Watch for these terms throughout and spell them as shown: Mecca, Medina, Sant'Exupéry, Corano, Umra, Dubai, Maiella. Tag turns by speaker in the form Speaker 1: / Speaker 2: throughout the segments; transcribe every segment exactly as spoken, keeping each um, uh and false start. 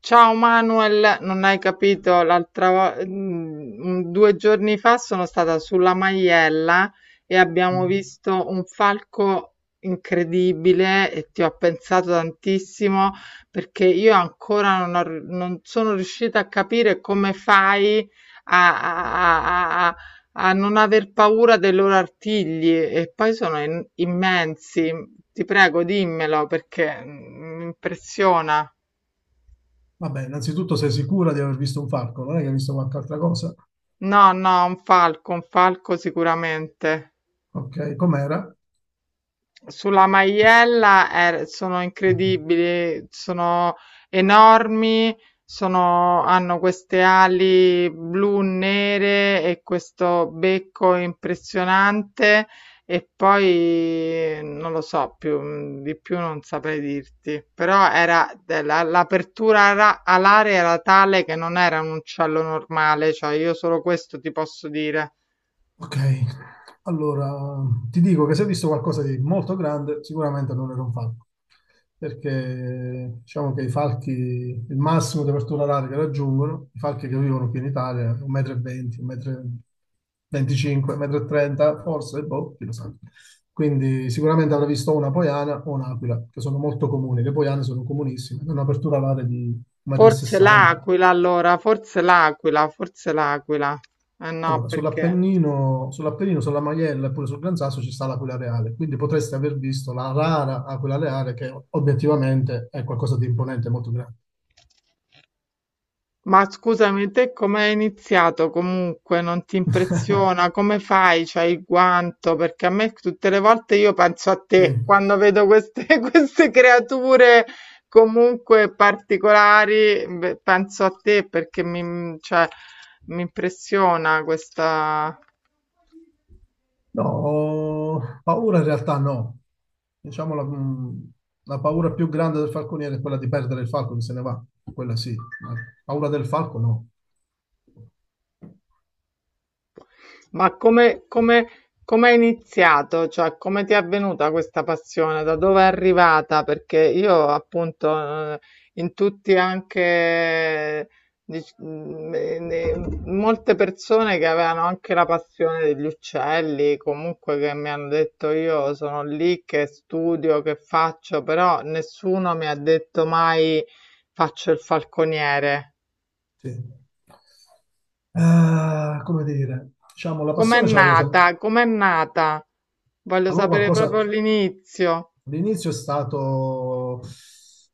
Speaker 1: Ciao Manuel, non hai capito, l'altra volta, due giorni fa sono stata sulla Maiella e abbiamo
Speaker 2: Mm.
Speaker 1: visto un falco incredibile e ti ho pensato tantissimo perché io ancora non, ho- non sono riuscita a capire come fai a, a- a- a- a non aver paura dei loro artigli e poi sono in- immensi. Ti prego, dimmelo perché mm, mi impressiona.
Speaker 2: Vabbè, innanzitutto sei sicura di aver visto un falco, non è che hai visto qualche altra cosa?
Speaker 1: No, no, un falco, un falco sicuramente.
Speaker 2: Ok, com'era?
Speaker 1: Sulla maiella eh, sono incredibili, sono enormi, sono- hanno queste ali blu nere e questo becco impressionante e poi non lo so più, mm, di più non saprei dirti, però era della- l'apertura ara- alare era tale che non era un uccello normale, cioè io solo questo ti posso dire.
Speaker 2: Ok, allora ti dico che se hai visto qualcosa di molto grande, sicuramente non era un falco, perché diciamo che i falchi, il massimo di apertura oraria che raggiungono, i falchi che vivono qui in Italia, un metro e venti m, un metro e venticinque m, un metro e trenta m, forse, boh, chi lo sa. Quindi sicuramente avrà visto una poiana o un'aquila, che sono molto comuni. Le poiane sono comunissime, hanno un'apertura oraria di
Speaker 1: Forse
Speaker 2: un metro e sessanta m.
Speaker 1: l'aquila allora, forse l'aquila, forse l'aquila. Eh no,
Speaker 2: Allora,
Speaker 1: perché...
Speaker 2: sull'Appennino, sull'Appennino, sulla Maiella e pure sul Gran Sasso ci sta l'Aquila Reale, quindi potreste aver visto la rara Aquila Reale che obiettivamente è qualcosa di imponente, molto grande.
Speaker 1: Ma scusami, te come hai iniziato comunque? Non ti impressiona? Come fai? C'hai il guanto? Perché a me tutte le volte io penso a
Speaker 2: Sì.
Speaker 1: te quando vedo queste, queste creature comunque particolari, beh, penso a te perché mi, cioè, mi impressiona questa...
Speaker 2: No, paura in realtà no. Diciamo la, mh, la paura più grande del falconiere è quella di perdere il falco che se ne va. Quella sì, ma paura del falco no.
Speaker 1: Ma come, come, come è iniziato? Cioè, come ti è avvenuta questa passione? Da dove è arrivata? Perché io, appunto, eh, in tutti anche, dic- mm, eh, ne- molte persone che avevano anche la passione degli uccelli, comunque che mi hanno detto io sono lì che studio, che faccio, però nessuno mi ha detto mai faccio il falconiere.
Speaker 2: Sì. Eh, come dire, diciamo la
Speaker 1: Com'è
Speaker 2: passione ce l'avevo sempre.
Speaker 1: nata? Com'è nata? Voglio
Speaker 2: Avevo
Speaker 1: sapere proprio
Speaker 2: qualcosa.
Speaker 1: all'inizio.
Speaker 2: L'inizio è stato, è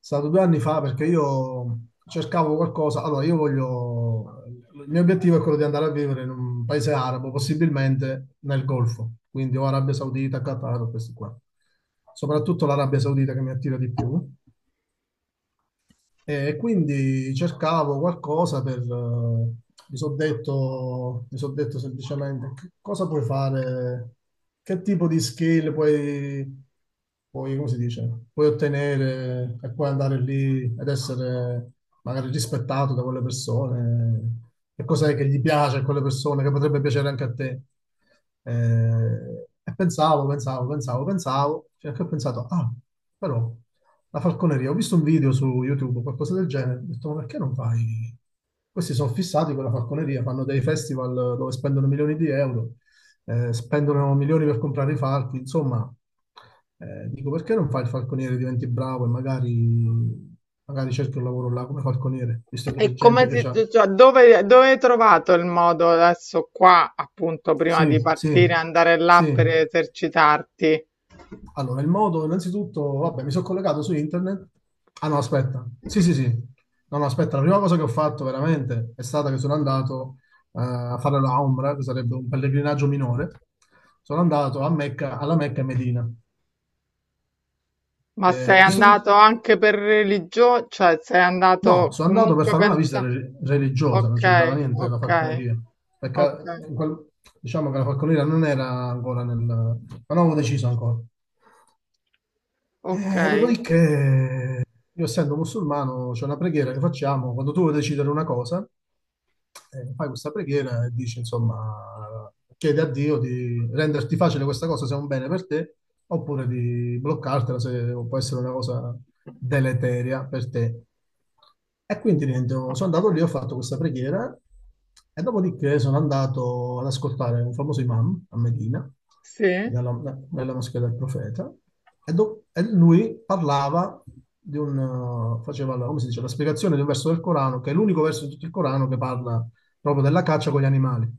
Speaker 2: stato due anni fa perché io cercavo qualcosa. Allora, io voglio. Il mio obiettivo è quello di andare a vivere in un paese arabo, possibilmente nel Golfo, quindi o Arabia Saudita, Qatar, o questi qua. Soprattutto l'Arabia Saudita che mi attira di più. E quindi cercavo qualcosa per... eh, mi sono detto, mi son detto semplicemente che cosa puoi fare, che tipo di skill puoi, puoi, come si dice, puoi ottenere e puoi andare lì ed essere magari rispettato da quelle persone, che cos'è che gli piace a quelle persone, che potrebbe piacere anche a te. Eh, e pensavo, pensavo, pensavo, pensavo, fino a che ho pensato, ah, però la falconeria, ho visto un video su YouTube, qualcosa del genere, ho detto, ma perché non fai? Questi sono fissati con la falconeria, fanno dei festival dove spendono milioni di euro, eh, spendono milioni per comprare i falchi, insomma, eh, dico, perché non fai il falconiere, diventi bravo e magari, magari cerchi un lavoro là come falconiere, visto che c'è
Speaker 1: E
Speaker 2: gente
Speaker 1: come
Speaker 2: che
Speaker 1: si,
Speaker 2: c'ha...
Speaker 1: cioè, dove, dove hai trovato il modo adesso qua, appunto, prima di
Speaker 2: Sì, sì,
Speaker 1: partire, andare là
Speaker 2: sì.
Speaker 1: per esercitarti?
Speaker 2: Allora, il modo, innanzitutto, vabbè, mi sono collegato su internet. Ah no, aspetta. Sì, sì, sì. No, no, aspetta, la prima cosa che ho fatto veramente è stata che sono andato eh, a fare la Umra, che sarebbe un pellegrinaggio minore. Sono andato a Mecca, alla Mecca e Medina.
Speaker 1: Ma sei
Speaker 2: Eh, ti sto di-
Speaker 1: andato anche per religione? Cioè, sei
Speaker 2: No,
Speaker 1: andato
Speaker 2: sono andato per
Speaker 1: comunque
Speaker 2: fare una visita
Speaker 1: pensa...
Speaker 2: re- religiosa, non c'entrava
Speaker 1: Ok,
Speaker 2: niente la
Speaker 1: ok,
Speaker 2: falconeria.
Speaker 1: ok,
Speaker 2: Perché in quel- diciamo che la falconeria non era ancora nel... Ma non avevo deciso ancora.
Speaker 1: ok,
Speaker 2: Eh, dopodiché, io essendo musulmano, c'è una preghiera che facciamo quando tu vuoi decidere una cosa, eh, fai questa preghiera e dici, insomma, chiedi a Dio di renderti facile questa cosa se è un bene per te, oppure di bloccartela se può essere una cosa deleteria per te. E quindi niente, sono
Speaker 1: ok.
Speaker 2: andato lì, ho fatto questa preghiera e dopodiché sono andato ad ascoltare un famoso imam a Medina,
Speaker 1: Sì?
Speaker 2: nella, nella moschea del profeta, e, do- e lui parlava di un, eh, faceva la, come si dice, la spiegazione di un verso del Corano, che è l'unico verso di tutto il Corano che parla proprio della caccia con gli animali.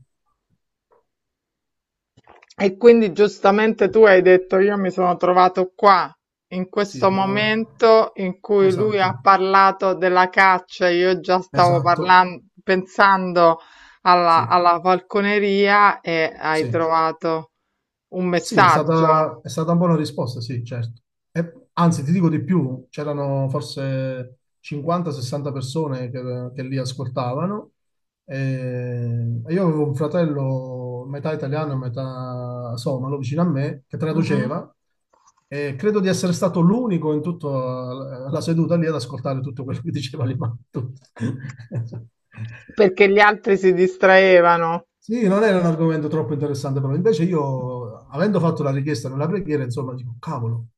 Speaker 1: E quindi giustamente tu hai detto, io mi sono trovato qua, in
Speaker 2: Sì,
Speaker 1: questo
Speaker 2: brava.
Speaker 1: momento in cui lui
Speaker 2: Esatto,
Speaker 1: ha parlato della caccia, io già stavo
Speaker 2: esatto.
Speaker 1: parlando, pensando alla,
Speaker 2: Sì,
Speaker 1: alla falconeria e hai
Speaker 2: sì.
Speaker 1: trovato un
Speaker 2: Sì, è stata,
Speaker 1: messaggio.
Speaker 2: è stata una buona risposta, sì, certo. E- anzi, ti dico di più, c'erano forse cinquanta, sessanta persone che, che lì ascoltavano. E, e io avevo un fratello metà italiano e metà somalo vicino a me che
Speaker 1: Mhm.
Speaker 2: traduceva e credo di essere stato l'unico in tutta la la seduta lì ad ascoltare tutto quello che diceva l'imam. Tutto.
Speaker 1: Perché gli altri si distraevano.
Speaker 2: Sì, non era un argomento troppo interessante, però invece io, avendo fatto la richiesta nella preghiera, insomma, dico, cavolo,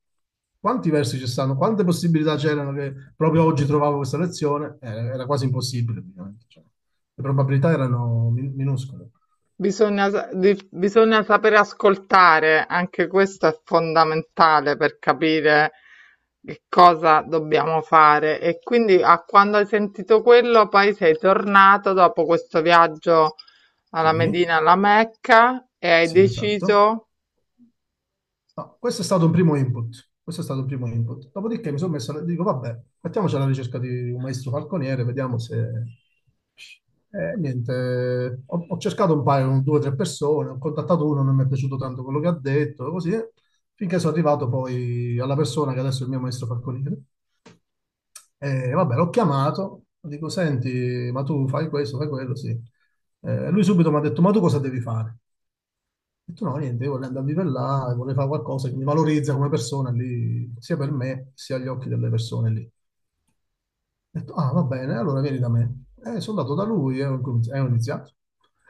Speaker 2: quanti versi ci stanno, quante possibilità c'erano che proprio oggi trovavo questa lezione? Eh, era quasi impossibile, praticamente. Cioè, le probabilità erano min- minuscole.
Speaker 1: Bisogna, sa- di- bisogna saper ascoltare, anche questo è fondamentale per capire che cosa dobbiamo fare. E quindi a quando hai sentito quello, poi sei tornato dopo questo viaggio alla
Speaker 2: Sì,
Speaker 1: Medina, alla Mecca, e hai
Speaker 2: sì, esatto.
Speaker 1: deciso.
Speaker 2: No, questo è stato un primo input. Questo è stato un primo input. Dopodiché mi sono messo, e dico, vabbè, mettiamoci alla ricerca di un maestro falconiere, vediamo se... Eh, niente, ho, ho cercato un paio, due o tre persone, ho contattato uno, non mi è piaciuto tanto quello che ha detto, così, eh, finché sono arrivato poi alla persona che adesso è il mio maestro falconiere. E vabbè, l'ho chiamato, dico, senti, ma tu fai questo, fai quello, sì. Eh, lui subito mi ha detto, ma tu cosa devi fare? Ho detto no, niente, io voglio andare a vivere là, vorrei fare qualcosa che mi valorizza come persona lì, sia per me, sia agli occhi delle persone lì. Ho detto, ah, va bene, allora vieni da me. E sono andato da lui e ho incominci- e ho iniziato.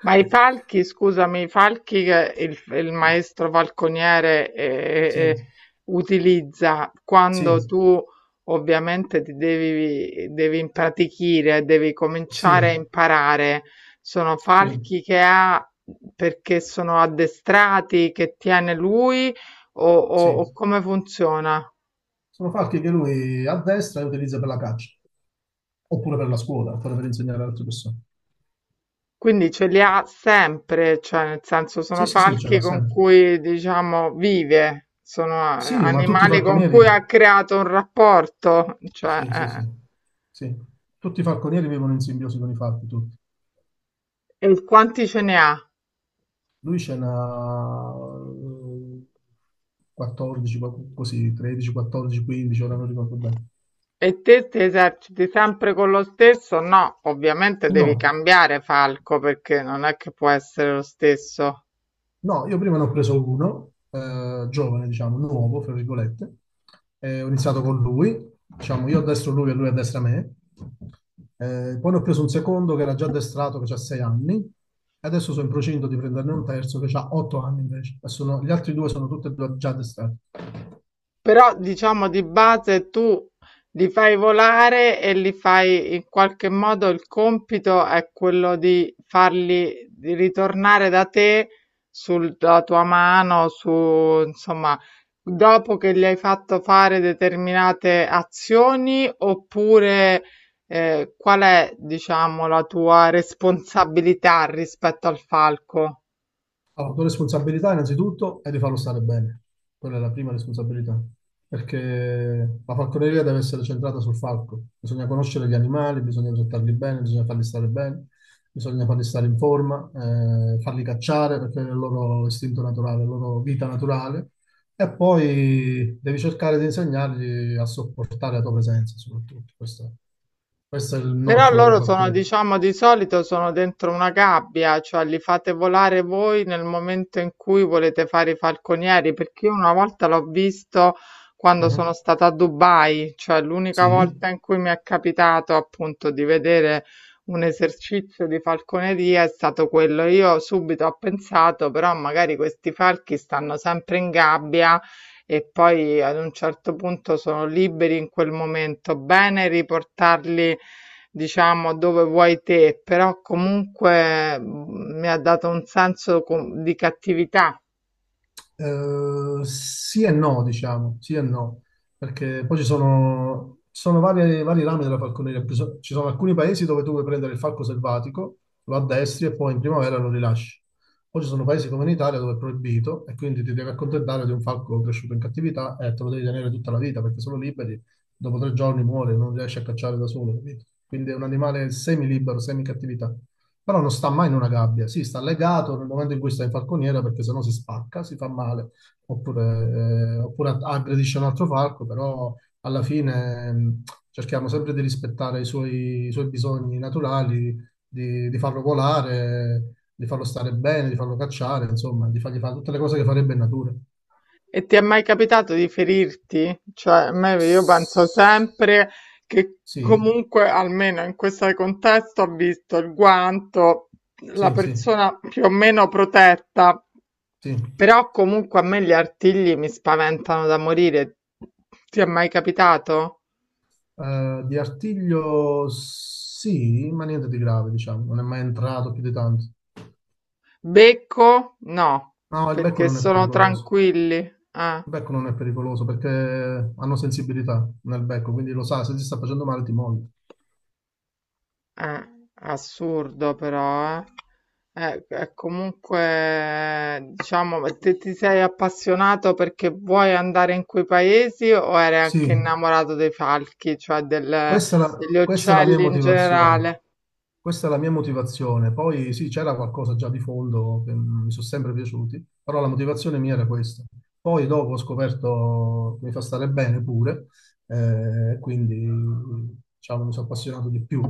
Speaker 1: Ma i falchi, scusami, i falchi che il, il maestro falconiere eh, eh, eh,
Speaker 2: Sì,
Speaker 1: utilizza quando
Speaker 2: sì,
Speaker 1: tu ovviamente ti devi, devi impratichire, devi cominciare a
Speaker 2: sì,
Speaker 1: imparare, sono
Speaker 2: sì,
Speaker 1: falchi che ha perché sono addestrati, che tiene lui o, o
Speaker 2: sì.
Speaker 1: o come funziona?
Speaker 2: Sono falchi che lui addestra e utilizza per la caccia, oppure per la scuola, oppure per insegnare ad altre persone.
Speaker 1: Quindi ce li ha sempre, cioè nel senso sono
Speaker 2: Sì, sì, sì, ce
Speaker 1: falchi
Speaker 2: l'ha
Speaker 1: con
Speaker 2: sempre.
Speaker 1: cui diciamo vive, sono eh,
Speaker 2: Sì, ma tutti i
Speaker 1: animali con
Speaker 2: falconieri,
Speaker 1: cui ha creato un rapporto, cioè,
Speaker 2: sì, sì, sì,
Speaker 1: eh.
Speaker 2: sì. Tutti i falconieri vivono in simbiosi con i falchi, tutti.
Speaker 1: E quanti ce ne ha?
Speaker 2: Lui ce n'ha eh, quattordici, qual- così, tredici, quattordici, quindici, ora non ricordo bene.
Speaker 1: E te ti eserciti sempre con lo stesso? No, ovviamente devi
Speaker 2: No,
Speaker 1: cambiare falco perché non è che può essere lo stesso.
Speaker 2: no, io prima ne ho preso uno, eh, giovane, diciamo, nuovo, fra virgolette. Eh, ho iniziato con lui, diciamo, io a destra lui e lui a destra me. Eh, poi ne ho preso un secondo che era già addestrato, che ha sei anni. E adesso sono in procinto di prenderne un terzo che ha otto anni invece. E sono- gli altri due sono tutti e due già addestrati.
Speaker 1: Però diciamo di base tu li fai volare e li fai in qualche modo il compito è quello di farli di ritornare da te sulla tua mano, su insomma, dopo che gli hai fatto fare determinate azioni oppure eh, qual è, diciamo, la tua responsabilità rispetto al falco?
Speaker 2: Allora, la tua responsabilità innanzitutto è di farlo stare bene, quella è la prima responsabilità, perché la falconeria deve essere centrata sul falco, bisogna conoscere gli animali, bisogna trattarli bene, bisogna farli stare bene, bisogna farli stare in forma, eh, farli cacciare perché è il loro istinto naturale, la loro vita naturale, e poi devi cercare di insegnargli a sopportare la tua presenza soprattutto, questo, questo è il
Speaker 1: Però
Speaker 2: nocciolo della
Speaker 1: loro sono,
Speaker 2: falconeria.
Speaker 1: diciamo, di solito sono dentro una gabbia, cioè li fate volare voi nel momento in cui volete fare i falconieri, perché io una volta l'ho visto quando sono
Speaker 2: Mhm.
Speaker 1: stata a Dubai, cioè l'unica
Speaker 2: Sì.
Speaker 1: volta in cui mi è capitato appunto di vedere un esercizio di falconeria è stato quello. Io subito ho pensato, però magari questi falchi stanno sempre in gabbia e poi ad un certo punto sono liberi in quel momento, bene riportarli diciamo dove vuoi te, però comunque mh, mi ha dato un senso com- di cattività.
Speaker 2: Eh, sì e no, diciamo, sì e no, perché poi ci sono, ci sono varie- vari rami della falconeria. Ci so- ci sono alcuni paesi dove tu puoi prendere il falco selvatico, lo addestri e poi in primavera lo rilasci. Poi ci sono paesi come in Italia dove è proibito e quindi ti devi accontentare di un falco cresciuto in cattività e te lo devi tenere tutta la vita perché sono liberi, dopo tre giorni muore, non riesci a cacciare da solo, capito? Quindi è un animale semi-libero, semi-cattività. Però non sta mai in una gabbia, sì, sta legato nel momento in cui sta in falconiera perché sennò si spacca, si fa male, oppure, eh, oppure aggredisce un altro falco, però alla fine mh, cerchiamo sempre di rispettare i suoi, i suoi bisogni naturali, di, di farlo volare, di farlo stare bene, di farlo cacciare, insomma, di fargli fare tutte le cose che farebbe in natura.
Speaker 1: E ti è mai capitato di ferirti? Cioè, a me- io penso
Speaker 2: S-
Speaker 1: sempre che
Speaker 2: Sì,
Speaker 1: comunque, almeno in questo contesto, ho visto il guanto, la
Speaker 2: sì, sì,
Speaker 1: persona più o meno protetta,
Speaker 2: sì.
Speaker 1: però comunque a me gli artigli mi spaventano da morire. Ti è mai capitato?
Speaker 2: Eh, di artiglio sì, ma niente di grave, diciamo, non è mai entrato più di tanto.
Speaker 1: Becco no,
Speaker 2: No, il becco
Speaker 1: perché
Speaker 2: non è
Speaker 1: sono
Speaker 2: pericoloso.
Speaker 1: tranquilli. Eh,
Speaker 2: Il becco non è pericoloso perché hanno sensibilità nel becco, quindi lo sa, se ti sta facendo male ti muovi.
Speaker 1: eh, assurdo però, eh. Eh, eh, comunque, diciamo, ma te ti sei appassionato perché vuoi andare in quei paesi o eri anche
Speaker 2: Sì.
Speaker 1: innamorato dei falchi, cioè del-
Speaker 2: Questa è la,
Speaker 1: degli
Speaker 2: questa è la mia
Speaker 1: uccelli in
Speaker 2: motivazione.
Speaker 1: generale?
Speaker 2: Questa è la mia motivazione. Poi sì, c'era qualcosa già di fondo che mi sono sempre piaciuti, però la motivazione mia era questa. Poi dopo ho scoperto che mi fa stare bene pure, eh, quindi diciamo mi sono appassionato di più.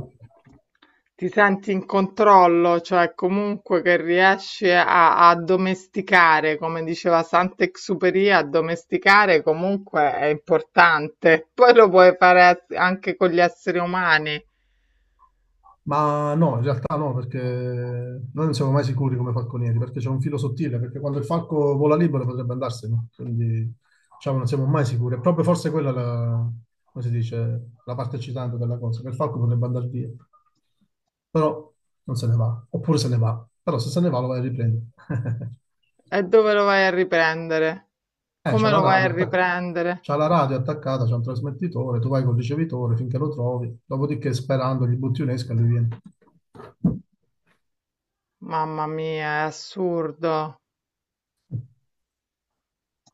Speaker 1: Ti senti in controllo, cioè comunque che riesci a a domesticare, come diceva Sant'Exupéry, addomesticare comunque è importante. Poi lo puoi fare as- anche con gli esseri umani.
Speaker 2: Ma no, in realtà no, perché noi non siamo mai sicuri come falconieri, perché c'è un filo sottile, perché quando il falco vola libero potrebbe andarsene, quindi diciamo non siamo mai sicuri. È proprio forse quella la, come si dice, la parte eccitante della cosa, che il falco potrebbe andare via, però non se ne va, oppure se ne va, però se se ne va lo vai a riprendere.
Speaker 1: E dove lo vai a riprendere?
Speaker 2: Eh, c'ha
Speaker 1: Come
Speaker 2: la
Speaker 1: lo vai
Speaker 2: radio,
Speaker 1: a
Speaker 2: attac-
Speaker 1: riprendere?
Speaker 2: c'ha la radio attaccata, c'è un trasmettitore, tu vai col ricevitore finché lo trovi, dopodiché sperando gli butti un'esca e lui viene.
Speaker 1: Mamma mia, è assurdo.